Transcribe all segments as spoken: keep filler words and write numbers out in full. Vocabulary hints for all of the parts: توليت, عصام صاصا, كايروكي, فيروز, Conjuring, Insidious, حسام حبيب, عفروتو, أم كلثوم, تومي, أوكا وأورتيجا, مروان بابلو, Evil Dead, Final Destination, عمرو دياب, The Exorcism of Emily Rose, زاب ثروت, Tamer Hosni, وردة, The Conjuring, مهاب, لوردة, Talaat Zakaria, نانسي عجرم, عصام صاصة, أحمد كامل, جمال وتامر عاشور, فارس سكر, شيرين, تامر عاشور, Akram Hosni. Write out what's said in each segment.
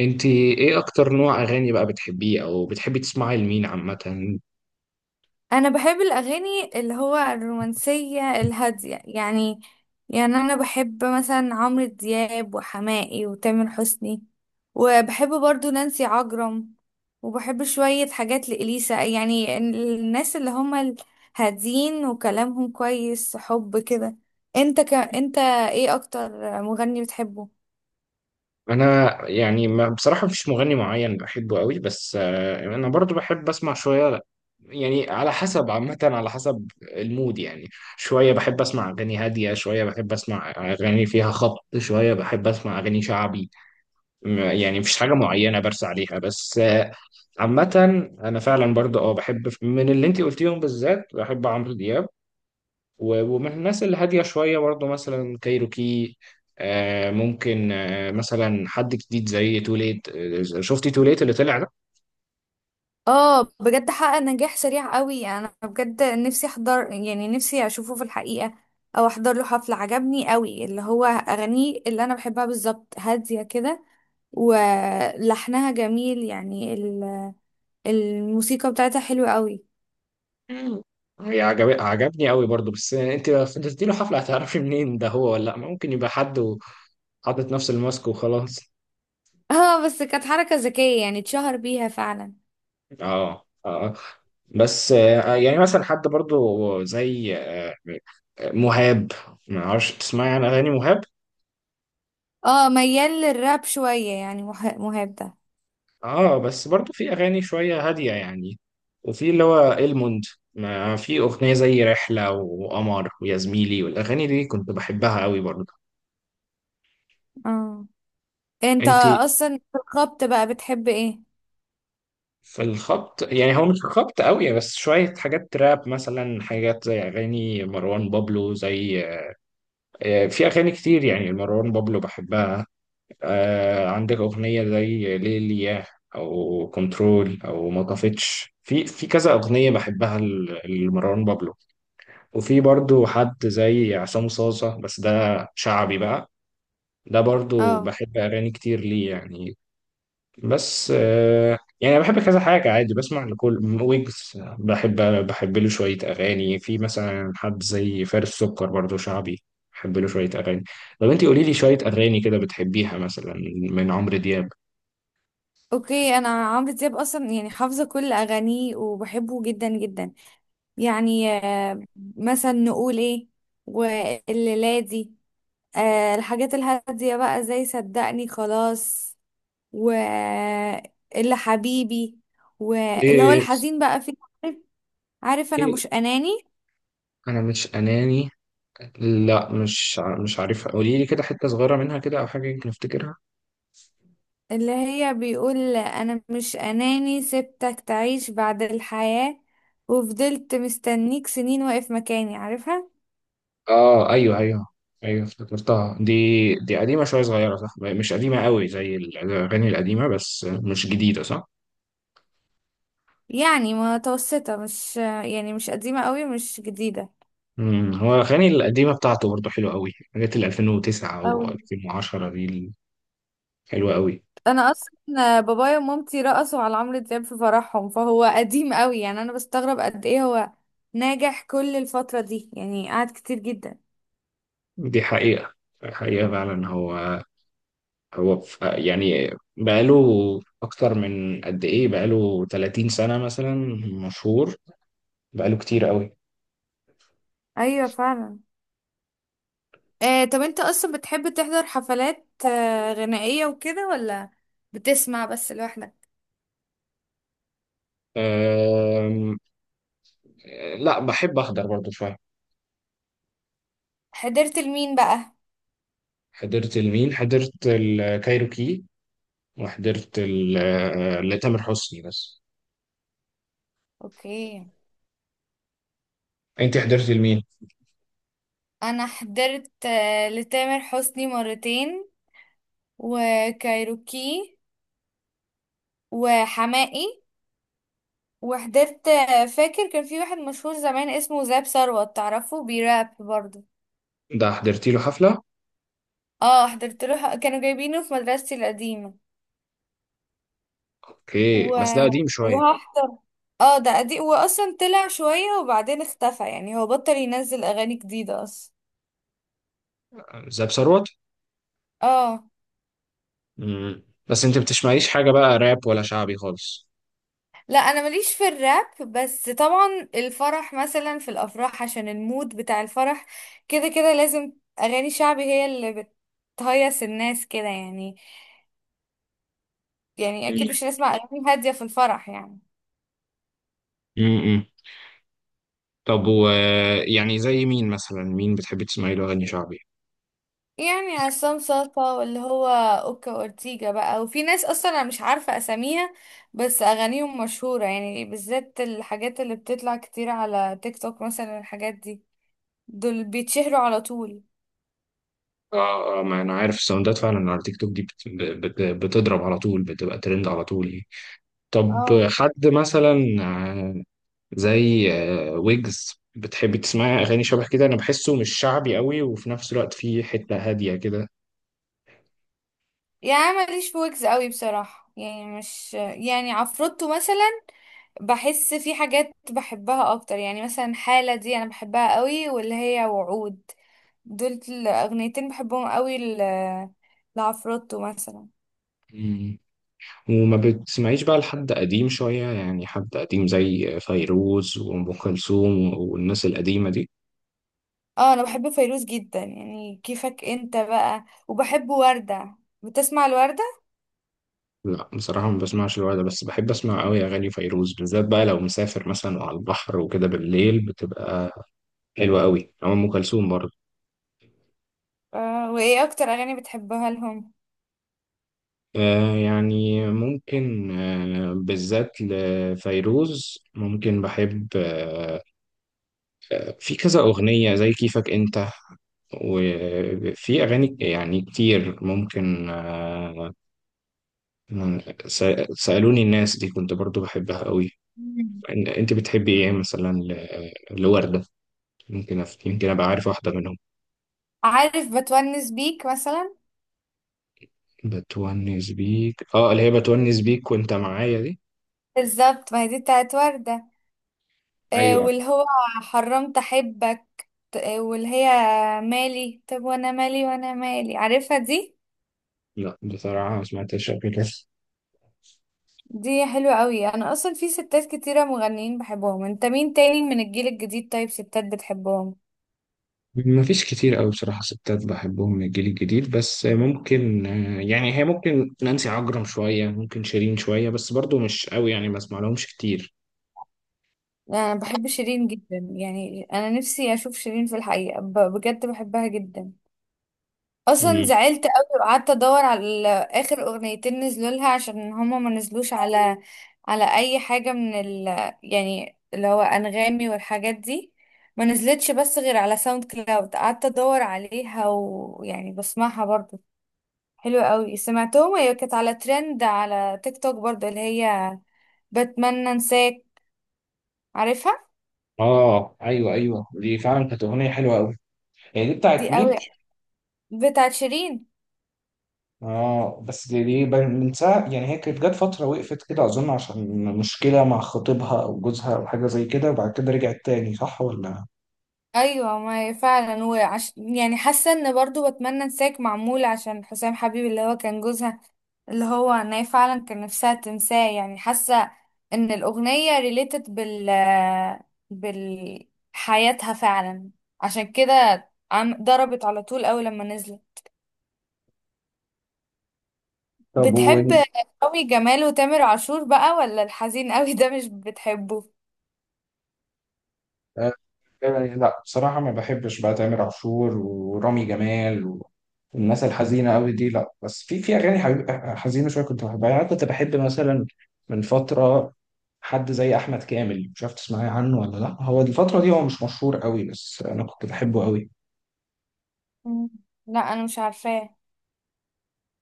انت ايه اكتر نوع اغاني بقى بتحبيه او بتحبي تسمعي لمين عامه؟ انا بحب الاغاني اللي هو الرومانسيه الهاديه يعني. يعني انا بحب مثلا عمرو دياب وحماقي وتامر حسني، وبحب برضو نانسي عجرم، وبحب شويه حاجات لإليسا، يعني الناس اللي هم الهادين وكلامهم كويس، حب كده. انت ك... انت ايه اكتر مغني بتحبه؟ انا يعني ما بصراحه مفيش مغني معين بحبه قوي، بس آه، انا برضو بحب اسمع شويه، يعني على حسب، عامه، على حسب المود يعني. شويه بحب اسمع اغاني هاديه، شويه بحب اسمع اغاني فيها خبط، شويه بحب اسمع اغاني شعبي. م- يعني مفيش حاجه معينه برسى عليها، بس آه، عامه. انا فعلا برضو اه بحب من اللي انت قلتيهم، بالذات بحب عمرو دياب و- ومن الناس اللي هادية شوية برضه مثلا كايروكي. آه ممكن، آه مثلا حد جديد زي توليت، آه شفتي توليت اللي طلع ده؟ اه بجد حقق نجاح سريع قوي، يعني انا بجد نفسي احضر، يعني نفسي اشوفه في الحقيقة او احضر له حفلة. عجبني قوي اللي هو اغانيه اللي انا بحبها بالظبط هادية كده، ولحنها جميل. يعني ال- الموسيقى بتاعتها حلوة قوي. مم. هي عجب... عجبني قوي برضه، بس انت لو فضلتي له حفلة هتعرفي منين ده هو ولا لا؟ ممكن يبقى حد وحاطط نفس الماسك وخلاص. اه بس كانت حركة ذكية يعني اتشهر بيها فعلا. اه اه. بس آه يعني مثلا حد برضه زي آه مهاب، ما اعرفش تسمعي عن اغاني مهاب؟ اه ميال للراب شوية، يعني مه- مهاب ده. اه بس برضو في اغاني شويه هاديه يعني، وفي اللي هو الموند، ما في اغنيه زي رحله وقمر ويا زميلي والاغاني دي كنت بحبها قوي برضو. اه، انت انت اصلا في الخبط بقى بتحب ايه؟ في الخبط يعني هو مش خبط قوي، بس شويه حاجات راب، مثلا حاجات زي اغاني مروان بابلو، زي آه، في اغاني كتير يعني مروان بابلو بحبها. آه، عندك اغنيه زي ليليا، او كنترول، او ما طفتش، في في كذا اغنيه بحبها ل- لمروان بابلو. وفي برضو حد زي عصام صاصة، بس ده شعبي بقى، ده برضو اه، بحب أغاني كتير ليه يعني. بس آه، يعني أنا بحب كذا حاجة، عادي بسمع لكل ويجز. بحب بحب له شوية أغاني، في مثلا حد زي فارس سكر، برضو شعبي، بحب له شوية أغاني. طب أنت قولي لي شوية أغاني كده بتحبيها مثلا من عمرو دياب. اوكي، انا عمرو دياب اصلا يعني حافظه كل اغانيه وبحبه جدا جدا. يعني آه، مثلا نقول ايه؟ والليلة دي، آه، الحاجات الهاديه بقى زي صدقني خلاص، واللي حبيبي، واللي هو إيه؟ الحزين بقى فيه. عارف؟ عارف انا إيه؟ مش اناني؟ أنا مش أناني؟ لا، مش ع- مش عارفها، قولي لي كده حتة صغيرة منها كده أو حاجة، يمكن أفتكرها. اللي هي بيقول انا مش اناني سبتك تعيش بعد الحياه، وفضلت مستنيك سنين واقف مكاني، عارفها. اه ايوه ايوه، ايوه افتكرتها دي. دي قديمه شويه صغيره، صح؟ مش قديمه قوي زي الاغاني القديمه، بس مش جديده، صح؟ يعني متوسطة، مش يعني مش قديمة قوي مش جديدة. امم هو الاغاني القديمه بتاعته برضه حلوه قوي، حاجات ال ألفين وتسعة او أوي. ألفين وعشرة دي، حلوه قوي. انا اصلا بابايا ومامتي رقصوا على عمرو دياب في فرحهم، فهو قديم قوي يعني. انا بستغرب قد ايه هو ناجح كل الفترة دي، يعني قعد كتير جدا. دي حقيقه، حقيقه فعلا. هو هو ف- يعني بقاله، اكتر من قد ايه، بقاله ثلاثين سنه مثلا، مشهور، بقاله كتير قوي. ايوه فعلا. آه، طب انت اصلا بتحب تحضر حفلات آه غنائية وكده ولا بتسمع بس لوحدك؟ أم... لا، بحب احضر برضه شويه. حضرت لمين بقى؟ حضرت لمين؟ حضرت الكايروكي، وحضرت ال- آه، لتامر حسني بس. اوكي، انت حضرت لمين؟ انا حضرت آه لتامر حسني مرتين، وكايروكي، وحماقي، وحضرت، فاكر كان في واحد مشهور زمان اسمه زاب ثروت، تعرفه بيراب برضه؟ ده حضرتي له حفلة؟ اه حضرت له، كانوا جايبينه في مدرستي القديمة. اوكي، و... بس ده قديم شوية. وهحضر. اه ده قديم، واصلا طلع شوية وبعدين اختفى، يعني هو بطل ينزل اغاني جديدة اصلا. زاب ثروت؟ اه. مم. بس انت بتسمعيش حاجة بقى راب ولا شعبي خالص؟ لا انا ماليش في الراب، بس طبعا الفرح مثلا، في الافراح عشان المود بتاع الفرح كده كده لازم اغاني شعبي هي اللي بتهيص الناس كده يعني. يعني اكيد مش هنسمع اغاني هاديه في الفرح يعني. امم طب، و، يعني زي مين مثلا، مين بتحبي تسمعي له اغاني شعبي؟ يعني عصام صاصا، واللي هو اوكا اورتيجا بقى، وفي ناس اصلا انا مش عارفه اساميها بس اغانيهم مشهوره، يعني بالذات الحاجات اللي بتطلع كتير على تيك توك مثلا، الحاجات دي دول بيتشهروا على طول. اه اه، ما انا عارف الساوندات فعلا على تيك توك دي بت... بت... بتضرب على طول، بتبقى ترند على طول. طب، اه، حد مثلا زي آه، ويجز، بتحبي تسمعي اغاني شبه كده؟ انا بحسه مش شعبي قوي وفي نفس الوقت فيه حته هاديه كده. يعني أنا ماليش في ويجز قوي بصراحه، يعني مش يعني عفروتو مثلا، بحس في حاجات بحبها اكتر. يعني مثلا حالة دي انا بحبها قوي، واللي هي وعود، دول الاغنيتين بحبهم قوي ل- لعفروتو مثلا. مم. وما بتسمعيش بقى لحد قديم شويه يعني، حد قديم زي فيروز وام كلثوم والناس القديمه دي؟ اه انا بحب فيروز جدا، يعني كيفك انت بقى، وبحب وردة. بتسمع الوردة؟ لا بصراحه ما بسمعش الوقت ده، بس بحب اسمع قوي اغاني فيروز، بالذات بقى لو مسافر مثلا وعلى البحر وكده بالليل، بتبقى حلوه قوي، او ام كلثوم برضه. آه، وايه اكتر اغاني بتحبها لهم؟ آه يعني ممكن، آه بالذات لفيروز، ممكن بحب، آه، في كذا أغنية زي كيفك أنت، وفي أغاني يعني كتير، ممكن آه، س- سألوني الناس دي كنت برضو بحبها قوي. مم. إن- أنت بتحبي إيه مثلا ل- لوردة؟ ممكن أف- يمكن أبقى عارف واحدة منهم. عارف بتونس بيك مثلا؟ بتونس بيك، آه اللي هي بتونس بيك وأنت معايا دي. بالظبط، ما هي دي بتاعت وردة. آه ايوه. واللي هو حرمت احبك ت- آه، واللي هي مالي، طب وانا مالي، وانا مالي، عارفها دي؟ لا بصراحة ما سمعتهاش قبل كده. دي حلوة قوي. انا اصلا في ستات كتيرة مغنيين بحبهم. انت مين تاني من الجيل الجديد، طيب، ستات بتحبهم؟ مفيش كتير قوي بصراحة ستات بحبهم من الجيل الجديد، بس ممكن آه، يعني، هي ممكن نانسي عجرم شوية، ممكن شيرين شوية، بس برضو مش قوي يعني، ما اسمع لهمش كتير. انا بحب شيرين جدا، يعني انا نفسي اشوف شيرين في الحقيقة، ب- بجد بحبها جدا. اصلا مم. زعلت قوي وقعدت ادور على اخر اغنيتين نزلوا لها عشان هما ما نزلوش على على اي حاجة من ال، يعني اللي هو انغامي والحاجات دي، ما نزلتش بس غير على ساوند كلاود. قعدت ادور عليها ويعني بسمعها برضه، حلو قوي. سمعتهم هي كانت على ترند على تيك توك برضه، اللي هي بتمنى انساك، عارفها؟ اه ايوه ايوه، دي فعلا كانت اغنية حلوة قوي. هي دي دي بتاعت مين؟ قوي بتاعت شيرين. اه بس دي, دي بن- من ساعة يعني، هي كانت جت فترة وقفت كده اظن عشان مشكلة مع خطيبها او جوزها او حاجة زي كده، وبعد كده رجعت تاني، صح ولا؟ ايوه ما هي فعلا، وعش... يعني حاسه ان برضه بتمنى انساك معمول عشان حسام حبيب اللي هو كان جوزها، اللي هو ان هي فعلا كان نفسها تنساه. يعني حاسه ان الاغنيه ريليتد بال بال حياتها فعلا، عشان كده عم ضربت على طول اول لما نزلت. طب، بتحب قوي جمال وتامر عاشور بقى، ولا الحزين قوي ده مش بتحبه؟ آه، آه، لا بصراحة ما بحبش بقى تامر عاشور ورامي جمال و- والناس الحزينة قوي دي، لا. بس في في أغاني حبيب- حزينة شوية كنت بحبها، يعني أنا كنت بحب مثلا من فترة حد زي أحمد كامل، مش عارف تسمعي عنه ولا لا، هو الفترة دي هو مش مشهور قوي، بس أنا كنت بحبه قوي. مم. لا انا مش عارفاه.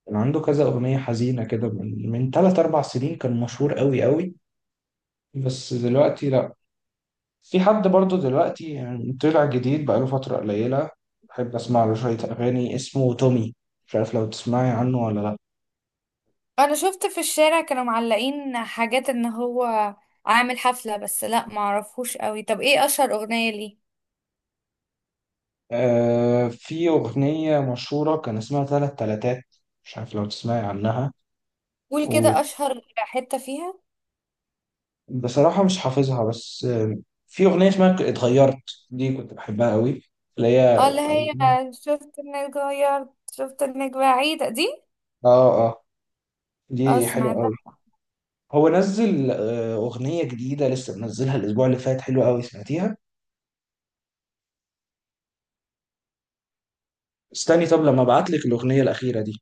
كان عنده كذا أغنية حزينة كده من من تلات أربع سنين، كان مشهور قوي قوي. بس دلوقتي، في حد برضو دلوقتي يعني طلع جديد بقاله فترة قليلة، بحب أسمع له شوية أغاني، اسمه تومي، مش عارف لو تسمعي عنه ولا لأ. انا شفت في الشارع كانوا معلقين حاجات ان هو عامل حفلة، بس لا معرفهوش قوي. طب ايه اشهر اغنية ليه؟ آه في أغنية مشهورة كان اسمها تلات تلاتات، مش عارف لو تسمعي عنها، قول كده اشهر حتة فيها. وبصراحة مش حافظها، بس آه في أغنية اسمها ك- اتغيرت، دي كنت بحبها قوي، اللي اه هي. اللي هي شفت انك اتغيرت، شفت انك بعيدة، دي؟ آه، آه، اه دي حلوة قوي. سمعتها. هو نزل آه أغنية جديدة لسه منزلها الأسبوع اللي فات، حلوة قوي، سمعتيها؟ استني طب لما ابعت لك الأغنية الأخيرة دي.